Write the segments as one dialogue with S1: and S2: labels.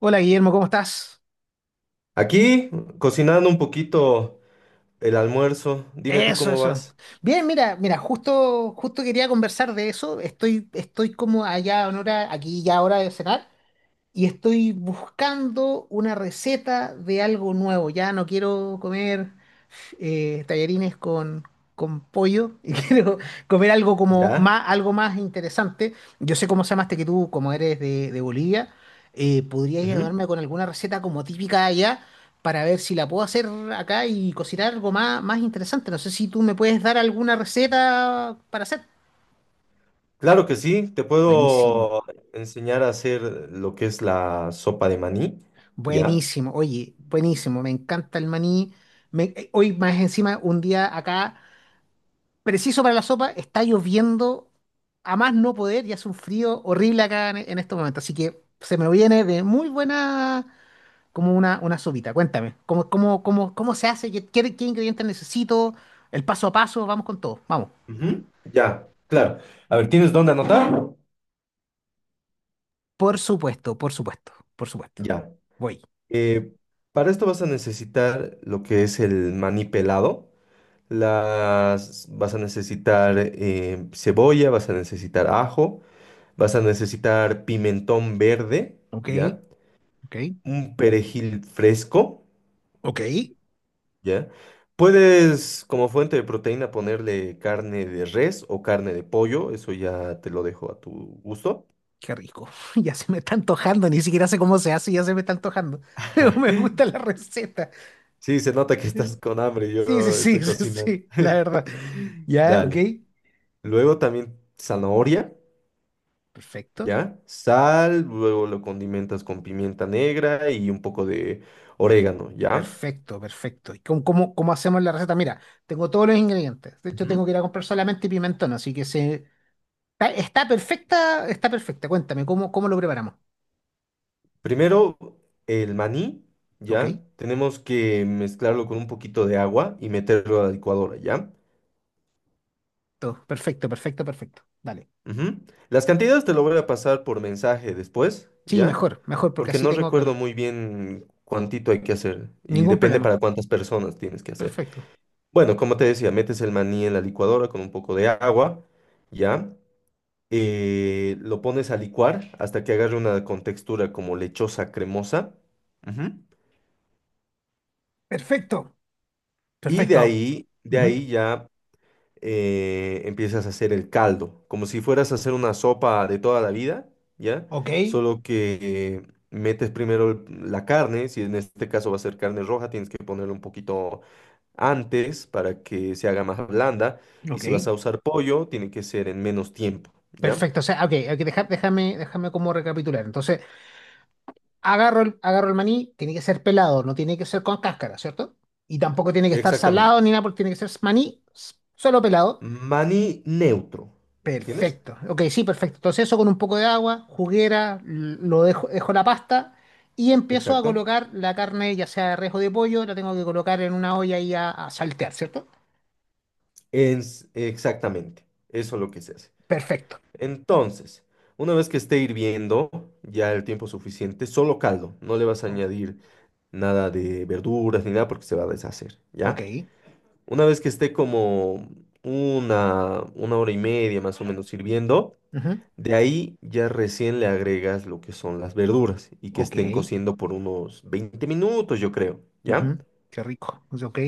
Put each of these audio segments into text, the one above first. S1: Hola Guillermo, ¿cómo estás?
S2: Aquí, cocinando un poquito el almuerzo. Dime tú
S1: Eso,
S2: cómo
S1: eso.
S2: vas.
S1: Bien, mira, mira, justo quería conversar de eso. Estoy como allá en hora, aquí ya hora de cenar. Y estoy buscando una receta de algo nuevo. Ya no quiero comer tallarines con pollo, y quiero comer algo como
S2: ¿Ya?
S1: más, algo más interesante. Yo sé cómo se llamaste que tú, como eres de Bolivia, podrías
S2: Ujú.
S1: ayudarme con alguna receta como típica de allá para ver si la puedo hacer acá y cocinar algo más, más interesante. No sé si tú me puedes dar alguna receta para hacer.
S2: Claro que sí, te
S1: Buenísimo.
S2: puedo enseñar a hacer lo que es la sopa de maní. ¿Ya?
S1: Buenísimo, oye, buenísimo, me encanta el maní. Hoy más encima, un día acá, preciso para la sopa, está lloviendo a más no poder y hace un frío horrible acá en estos momentos. Así que se me viene de muy buena como una sopita. Cuéntame, ¿cómo, cómo, cómo se hace? ¿Qué, qué ingredientes necesito? El paso a paso, vamos con todo, vamos.
S2: Ujú. Ya, claro. A ver, ¿tienes dónde anotar?
S1: Por supuesto, por supuesto, por supuesto.
S2: Ya.
S1: Voy.
S2: Eh, para esto vas a necesitar lo que es el maní pelado. Las, vas a necesitar cebolla, vas a necesitar ajo, vas a necesitar pimentón verde,
S1: Ok,
S2: ¿ya?
S1: ok,
S2: Un perejil fresco,
S1: ok.
S2: ¿ya? Puedes, como fuente de proteína, ponerle carne de res o carne de pollo, eso ya te lo dejo a tu gusto.
S1: Qué rico. Ya se me está antojando, ni siquiera sé cómo se hace, ya se me está antojando. Pero me gusta la receta.
S2: Sí, se nota que estás con hambre,
S1: Sí, sí,
S2: yo
S1: sí,
S2: estoy
S1: sí,
S2: cocinando.
S1: sí, la verdad. Ya, ok.
S2: Dale. Luego también zanahoria,
S1: Perfecto,
S2: ¿ya? Sal, luego lo condimentas con pimienta negra y un poco de orégano, ¿ya?
S1: perfecto, perfecto. ¿Y cómo, cómo hacemos la receta? Mira, tengo todos los ingredientes. De hecho,
S2: Ujú.
S1: tengo que ir a comprar solamente pimentón, así que se... Está, está perfecta, está perfecta. Cuéntame, ¿cómo, cómo lo preparamos?
S2: Primero, el maní,
S1: Ok,
S2: ¿ya? Tenemos que mezclarlo con un poquito de agua y meterlo a la licuadora, ¿ya?
S1: todo. Perfecto, perfecto, perfecto. Dale.
S2: Ujú. Las cantidades te lo voy a pasar por mensaje después,
S1: Sí,
S2: ¿ya?
S1: mejor, mejor, porque
S2: Porque
S1: así
S2: no
S1: tengo
S2: recuerdo
S1: claro.
S2: muy bien cuántito hay que hacer y
S1: Ningún
S2: depende
S1: problema.
S2: para cuántas personas tienes que hacer.
S1: Perfecto.
S2: Bueno, como te decía, metes el maní en la licuadora con un poco de agua, ¿ya? Lo pones a licuar hasta que agarre una contextura como lechosa cremosa. Ujú.
S1: Perfecto.
S2: Y
S1: Perfecto.
S2: de
S1: Ujú.
S2: ahí ya empiezas a hacer el caldo, como si fueras a hacer una sopa de toda la vida, ¿ya?
S1: Ok,
S2: Solo que metes primero la carne, si en este caso va a ser carne roja, tienes que ponerle un poquito antes para que se haga más blanda, y
S1: ok.
S2: si vas a usar pollo, tiene que ser en menos tiempo, ¿ya?
S1: Perfecto. O sea, ok, ok, deja- déjame, déjame como recapitular. Entonces, agarro el maní, tiene que ser pelado, no tiene que ser con cáscara, ¿cierto? Y tampoco tiene que estar
S2: Exactamente.
S1: salado ni nada, porque tiene que ser maní s- solo pelado.
S2: Maní neutro, ¿entiendes?
S1: Perfecto. Ok, sí, perfecto. Entonces eso con un poco de agua, juguera, l- lo dejo, dejo la pasta y empiezo a
S2: Exacto.
S1: colocar la carne, ya sea de res o de pollo, la tengo que colocar en una olla y a saltear, ¿cierto?
S2: Exactamente. Eso es lo que se hace.
S1: Perfecto.
S2: Entonces, una vez que esté hirviendo ya el tiempo suficiente, solo caldo, no le vas a añadir nada de verduras ni nada porque se va a deshacer, ¿ya?
S1: Ok.
S2: Una vez que esté como una hora y media más o menos hirviendo,
S1: Ujú.
S2: de ahí ya recién le agregas lo que son las verduras y que
S1: Ok.
S2: estén cociendo por unos 20 minutos, yo creo, ¿ya?
S1: Ujú, qué rico. Pues, ok.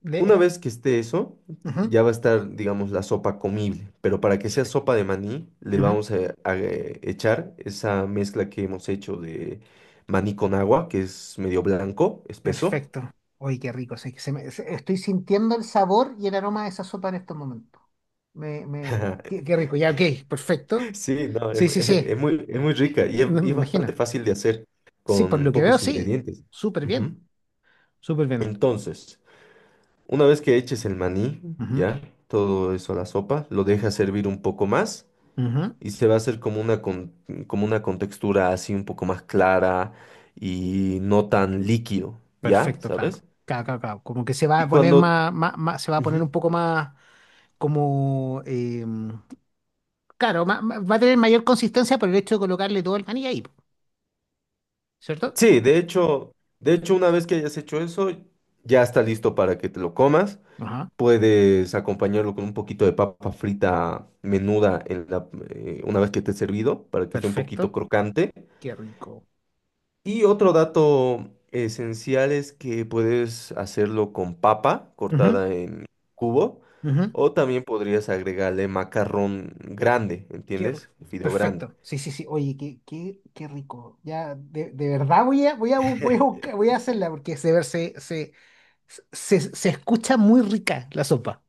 S1: De
S2: Una
S1: este.
S2: vez que esté eso,
S1: Ujú,
S2: ya va a estar, digamos, la sopa comible, pero para que sea
S1: perfecto.
S2: sopa de maní, le
S1: Ujú,
S2: vamos a, echar esa mezcla que hemos hecho de maní con agua, que es medio blanco, espeso.
S1: perfecto. Oye, qué rico. Se- se me- se- estoy sintiendo el sabor y el aroma de esa sopa en estos momentos. Me, qué, qué rico. Ya, ok. Perfecto.
S2: Sí, no,
S1: Sí, sí, sí.
S2: es muy rica
S1: No me
S2: y es bastante
S1: imagino.
S2: fácil de hacer
S1: Sí, por
S2: con
S1: lo que veo,
S2: pocos
S1: sí.
S2: ingredientes.
S1: Súper bien.
S2: Ujú.
S1: Súper bien.
S2: Entonces, una vez que eches el maní,
S1: Ujú,
S2: ya, todo eso a la sopa, lo dejas servir un poco más.
S1: ujú,
S2: Y se va a hacer como una, como una contextura así un poco más clara y no tan líquido, ¿ya?
S1: perfecto, claro.
S2: ¿Sabes?
S1: Claro, claro, ca. Como que se va a
S2: Y
S1: poner
S2: cuando...
S1: más, más, más- se va a poner
S2: Ujú.
S1: un poco más como claro, ma- ma- va a tener mayor consistencia por el hecho de colocarle todo el maní ahí, po, ¿cierto?
S2: Sí, de hecho, una vez que hayas hecho eso, ya está listo para que te lo comas.
S1: Ajá,
S2: Puedes acompañarlo con un poquito de papa frita menuda en la, una vez que esté servido, para que esté un poquito
S1: perfecto.
S2: crocante.
S1: Qué rico.
S2: Y otro dato esencial es que puedes hacerlo con papa
S1: Ujú,
S2: cortada en cubo
S1: ujú,
S2: o también podrías agregarle macarrón grande,
S1: qué ri-
S2: ¿entiendes? Fideo grande.
S1: perfecto. Sí, sí, sí. Oye, qué, qué rico. Ya, de verdad voy a, voy a, bu- voy a buscar- voy a hacerla porque se, ver- se escucha muy rica la sopa.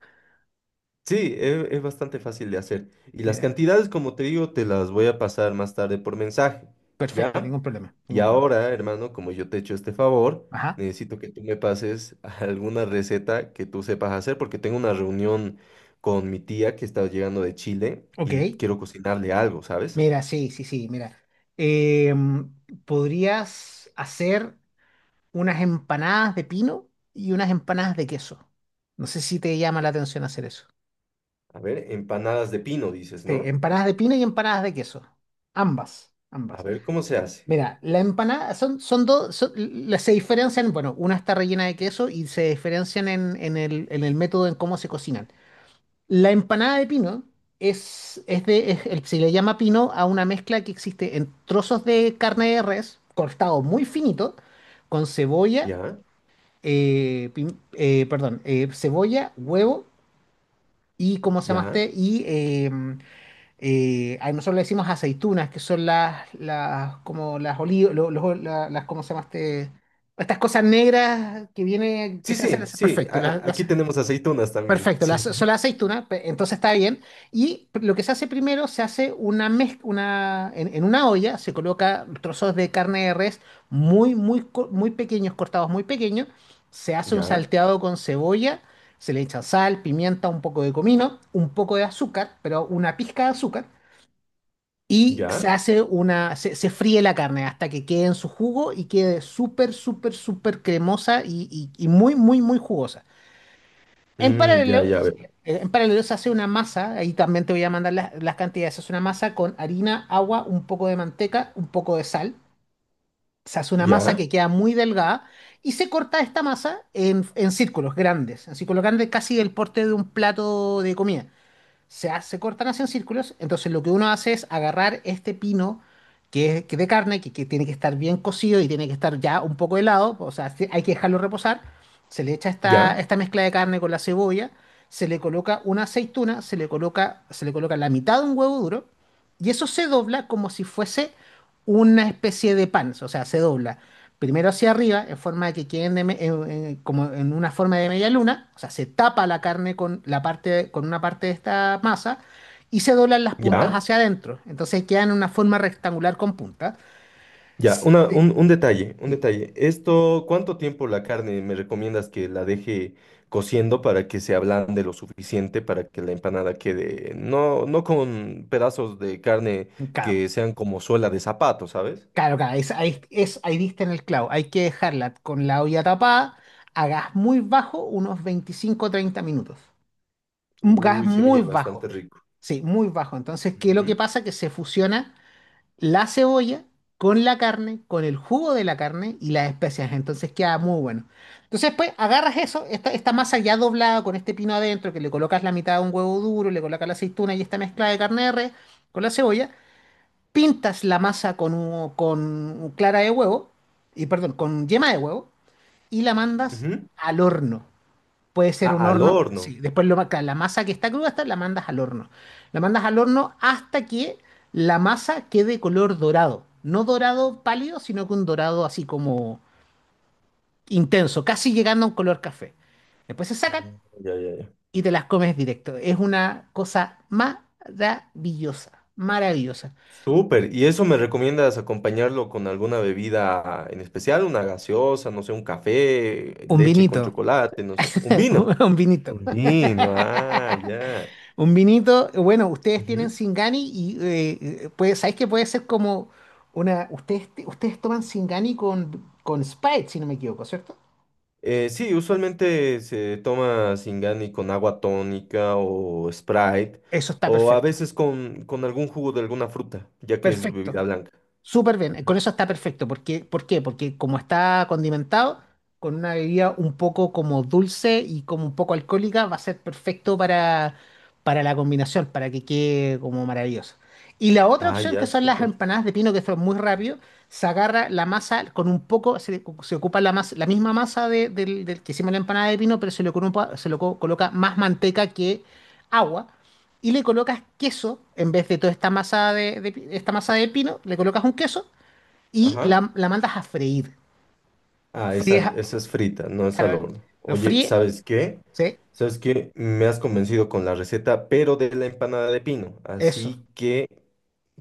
S2: Sí, bastante fácil de hacer. Y las
S1: Mira,
S2: cantidades, como te digo, te las voy a pasar más tarde por mensaje,
S1: perfecto,
S2: ¿ya?
S1: ningún problema,
S2: Y
S1: ningún problema.
S2: ahora, hermano, como yo te he hecho este favor,
S1: Ajá,
S2: necesito que tú me pases alguna receta que tú sepas hacer, porque tengo una reunión con mi tía que está llegando de Chile
S1: ok.
S2: y quiero cocinarle algo, ¿sabes?
S1: Mira, sí, sí, sí, mira. Em, podrías hacer unas empanadas de pino y unas empanadas de queso. No sé si te llama la atención hacer eso.
S2: A ver, empanadas de pino, dices,
S1: Sí,
S2: ¿no?
S1: empanadas de pino y empanadas de queso. Ambas,
S2: A
S1: ambas.
S2: ver cómo se hace.
S1: Mira, la empanada son, son dos, son- las se diferencian, bueno, una está rellena de queso y se diferencian en, en el método en cómo se cocinan. La empanada de pino es de, es el- se le llama pino a una mezcla que existe en trozos de carne de res, cortado muy finito, con cebolla
S2: ¿Ya?
S1: perdón, cebolla, huevo y, ¿cómo se
S2: ¿Ya?
S1: llamaste? Y a nosotros le decimos aceitunas, que son las como las olivas, las, ¿cómo se llamaste? Estas cosas negras que viene, que
S2: Sí,
S1: se hacen,
S2: sí, sí.
S1: perfecto,
S2: Aquí
S1: las
S2: tenemos aceitunas también.
S1: perfecto, la,
S2: Sí.
S1: so- la aceituna, pe- entonces está bien. Y lo que se hace primero, se hace una mezcla, una, en una olla se coloca trozos de carne de res muy, muy, co- muy pequeños, cortados muy pequeños. Se hace un
S2: ¿Ya?
S1: salteado con cebolla, se le echa sal, pimienta, un poco de comino, un poco de azúcar, pero una pizca de azúcar. Y
S2: ¿Ya?
S1: se hace una, se fríe la carne hasta que quede en su jugo y quede súper, súper, súper cremosa y y muy, muy, muy jugosa. En
S2: Mm, ya,
S1: paralelo,
S2: ya, a ver.
S1: en paralelo se hace una masa, ahí también te voy a mandar las cantidades, se hace una masa con harina, agua, un poco de manteca, un poco de sal, se hace una masa
S2: ¿Ya?
S1: que queda muy delgada y se corta esta masa en círculos grandes casi el porte de un plato de comida se, ha- se cortan así en círculos. Entonces lo que uno hace es agarrar este pino que es que de carne, que tiene que estar bien cocido y tiene que estar ya un poco helado, o sea, sí, hay que dejarlo reposar. Se le echa esta,
S2: ¿Ya?
S1: esta mezcla de carne con la cebolla, se le coloca una aceituna, se le coloca la mitad de un huevo duro y eso se dobla como si fuese una especie de pan, o sea, se dobla primero hacia arriba, en forma de que queden de me- en- como en una forma de media luna, o sea, se tapa la carne con, la parte, con una parte de esta masa y se doblan las puntas
S2: ¿Ya?
S1: hacia adentro. Entonces quedan en una forma rectangular con puntas.
S2: Ya, una,
S1: Sí,
S2: un detalle, un
S1: sí,
S2: detalle. Esto, ¿cuánto tiempo la carne me recomiendas que la deje cociendo para que se ablande lo suficiente para que la empanada quede, no, no con pedazos de carne
S1: claro,
S2: que sean como suela de zapato, ¿sabes?
S1: claro, claro, es, ahí diste en el clavo. Hay que dejarla con la olla tapada a gas muy bajo, unos 25 30 minutos. Un gas
S2: Uy, se oye
S1: muy
S2: bastante
S1: bajo,
S2: rico.
S1: sí, muy bajo. Entonces, ¿qué es lo que
S2: Ujú,
S1: pasa? Que se fusiona la cebolla con la carne, con el jugo de la carne y las especias. Entonces queda muy bueno. Entonces, pues agarras eso, esta masa ya doblada con este pino adentro, que le colocas la mitad de un huevo duro, le colocas la aceituna y esta mezcla de carne de res con la cebolla. Pintas la masa con, un con clara de huevo, y perdón, con yema de huevo y la mandas
S2: ujú.
S1: al horno puede ser
S2: Ah,
S1: un
S2: al
S1: horno,
S2: horno.
S1: sí, después lo, ma- claro, la masa que está cruda hasta la mandas al horno. La mandas al horno hasta que la masa quede color dorado, no dorado pálido, sino que un dorado así como intenso, casi llegando a un color café. Después se sacan
S2: Ya, ya, ya.
S1: y te las comes directo. Es una cosa maravillosa, maravillosa.
S2: Súper. ¿Y eso me recomiendas acompañarlo con alguna bebida en especial? Una gaseosa, no sé, un café,
S1: Un
S2: leche con
S1: vinito,
S2: chocolate, no sé, un vino.
S1: un vinito.
S2: Un vino, ah, ya.
S1: Un vinito, bueno, ustedes tienen
S2: Ujú.
S1: Singani y puede, ¿sabéis que puede ser como una... Ustedes, ustedes toman Singani con Sprite, si no me equivoco, ¿cierto?
S2: Sí, usualmente se toma Singani con agua tónica o Sprite,
S1: Eso está
S2: o a
S1: perfecto.
S2: veces con algún jugo de alguna fruta, ya que es
S1: Perfecto.
S2: bebida blanca.
S1: Súper bien, con eso está perfecto. Porque, ¿por qué? Porque como está condimentado, con una bebida un poco como dulce y como un poco alcohólica, va a ser perfecto para la combinación, para que quede como maravilloso. Y la otra
S2: Ah,
S1: opción que
S2: ya,
S1: son las
S2: súper.
S1: empanadas de pino, que son muy rápido, se agarra la masa con un poco, se ocupa la masa, la misma masa de- del, del que hicimos la empanada de pino, pero se le, ocupa- se le co- coloca más manteca que agua y le colocas queso, en vez de toda esta masa de esta masa de pino, le colocas un queso y
S2: Ajá.
S1: la mandas a freír.
S2: Ah,
S1: Fríes,
S2: esa,
S1: a-
S2: esa es frita, no es al
S1: claro,
S2: horno.
S1: lo
S2: Oye,
S1: fríe,
S2: ¿sabes qué?
S1: ¿sí?
S2: ¿Sabes qué? Me has convencido con la receta, pero de la empanada de pino.
S1: Eso,
S2: Así que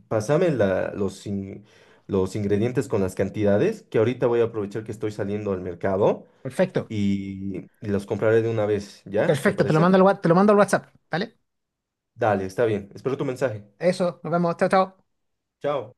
S2: pásame los, los ingredientes con las cantidades, que ahorita voy a aprovechar que estoy saliendo al mercado
S1: perfecto,
S2: y los compraré de una vez, ¿ya? ¿Te
S1: perfecto, te lo
S2: parece?
S1: mando al, wa- te lo mando al WhatsApp, ¿vale?
S2: Dale, está bien. Espero tu mensaje.
S1: Eso, nos vemos, chao, chao.
S2: Chao.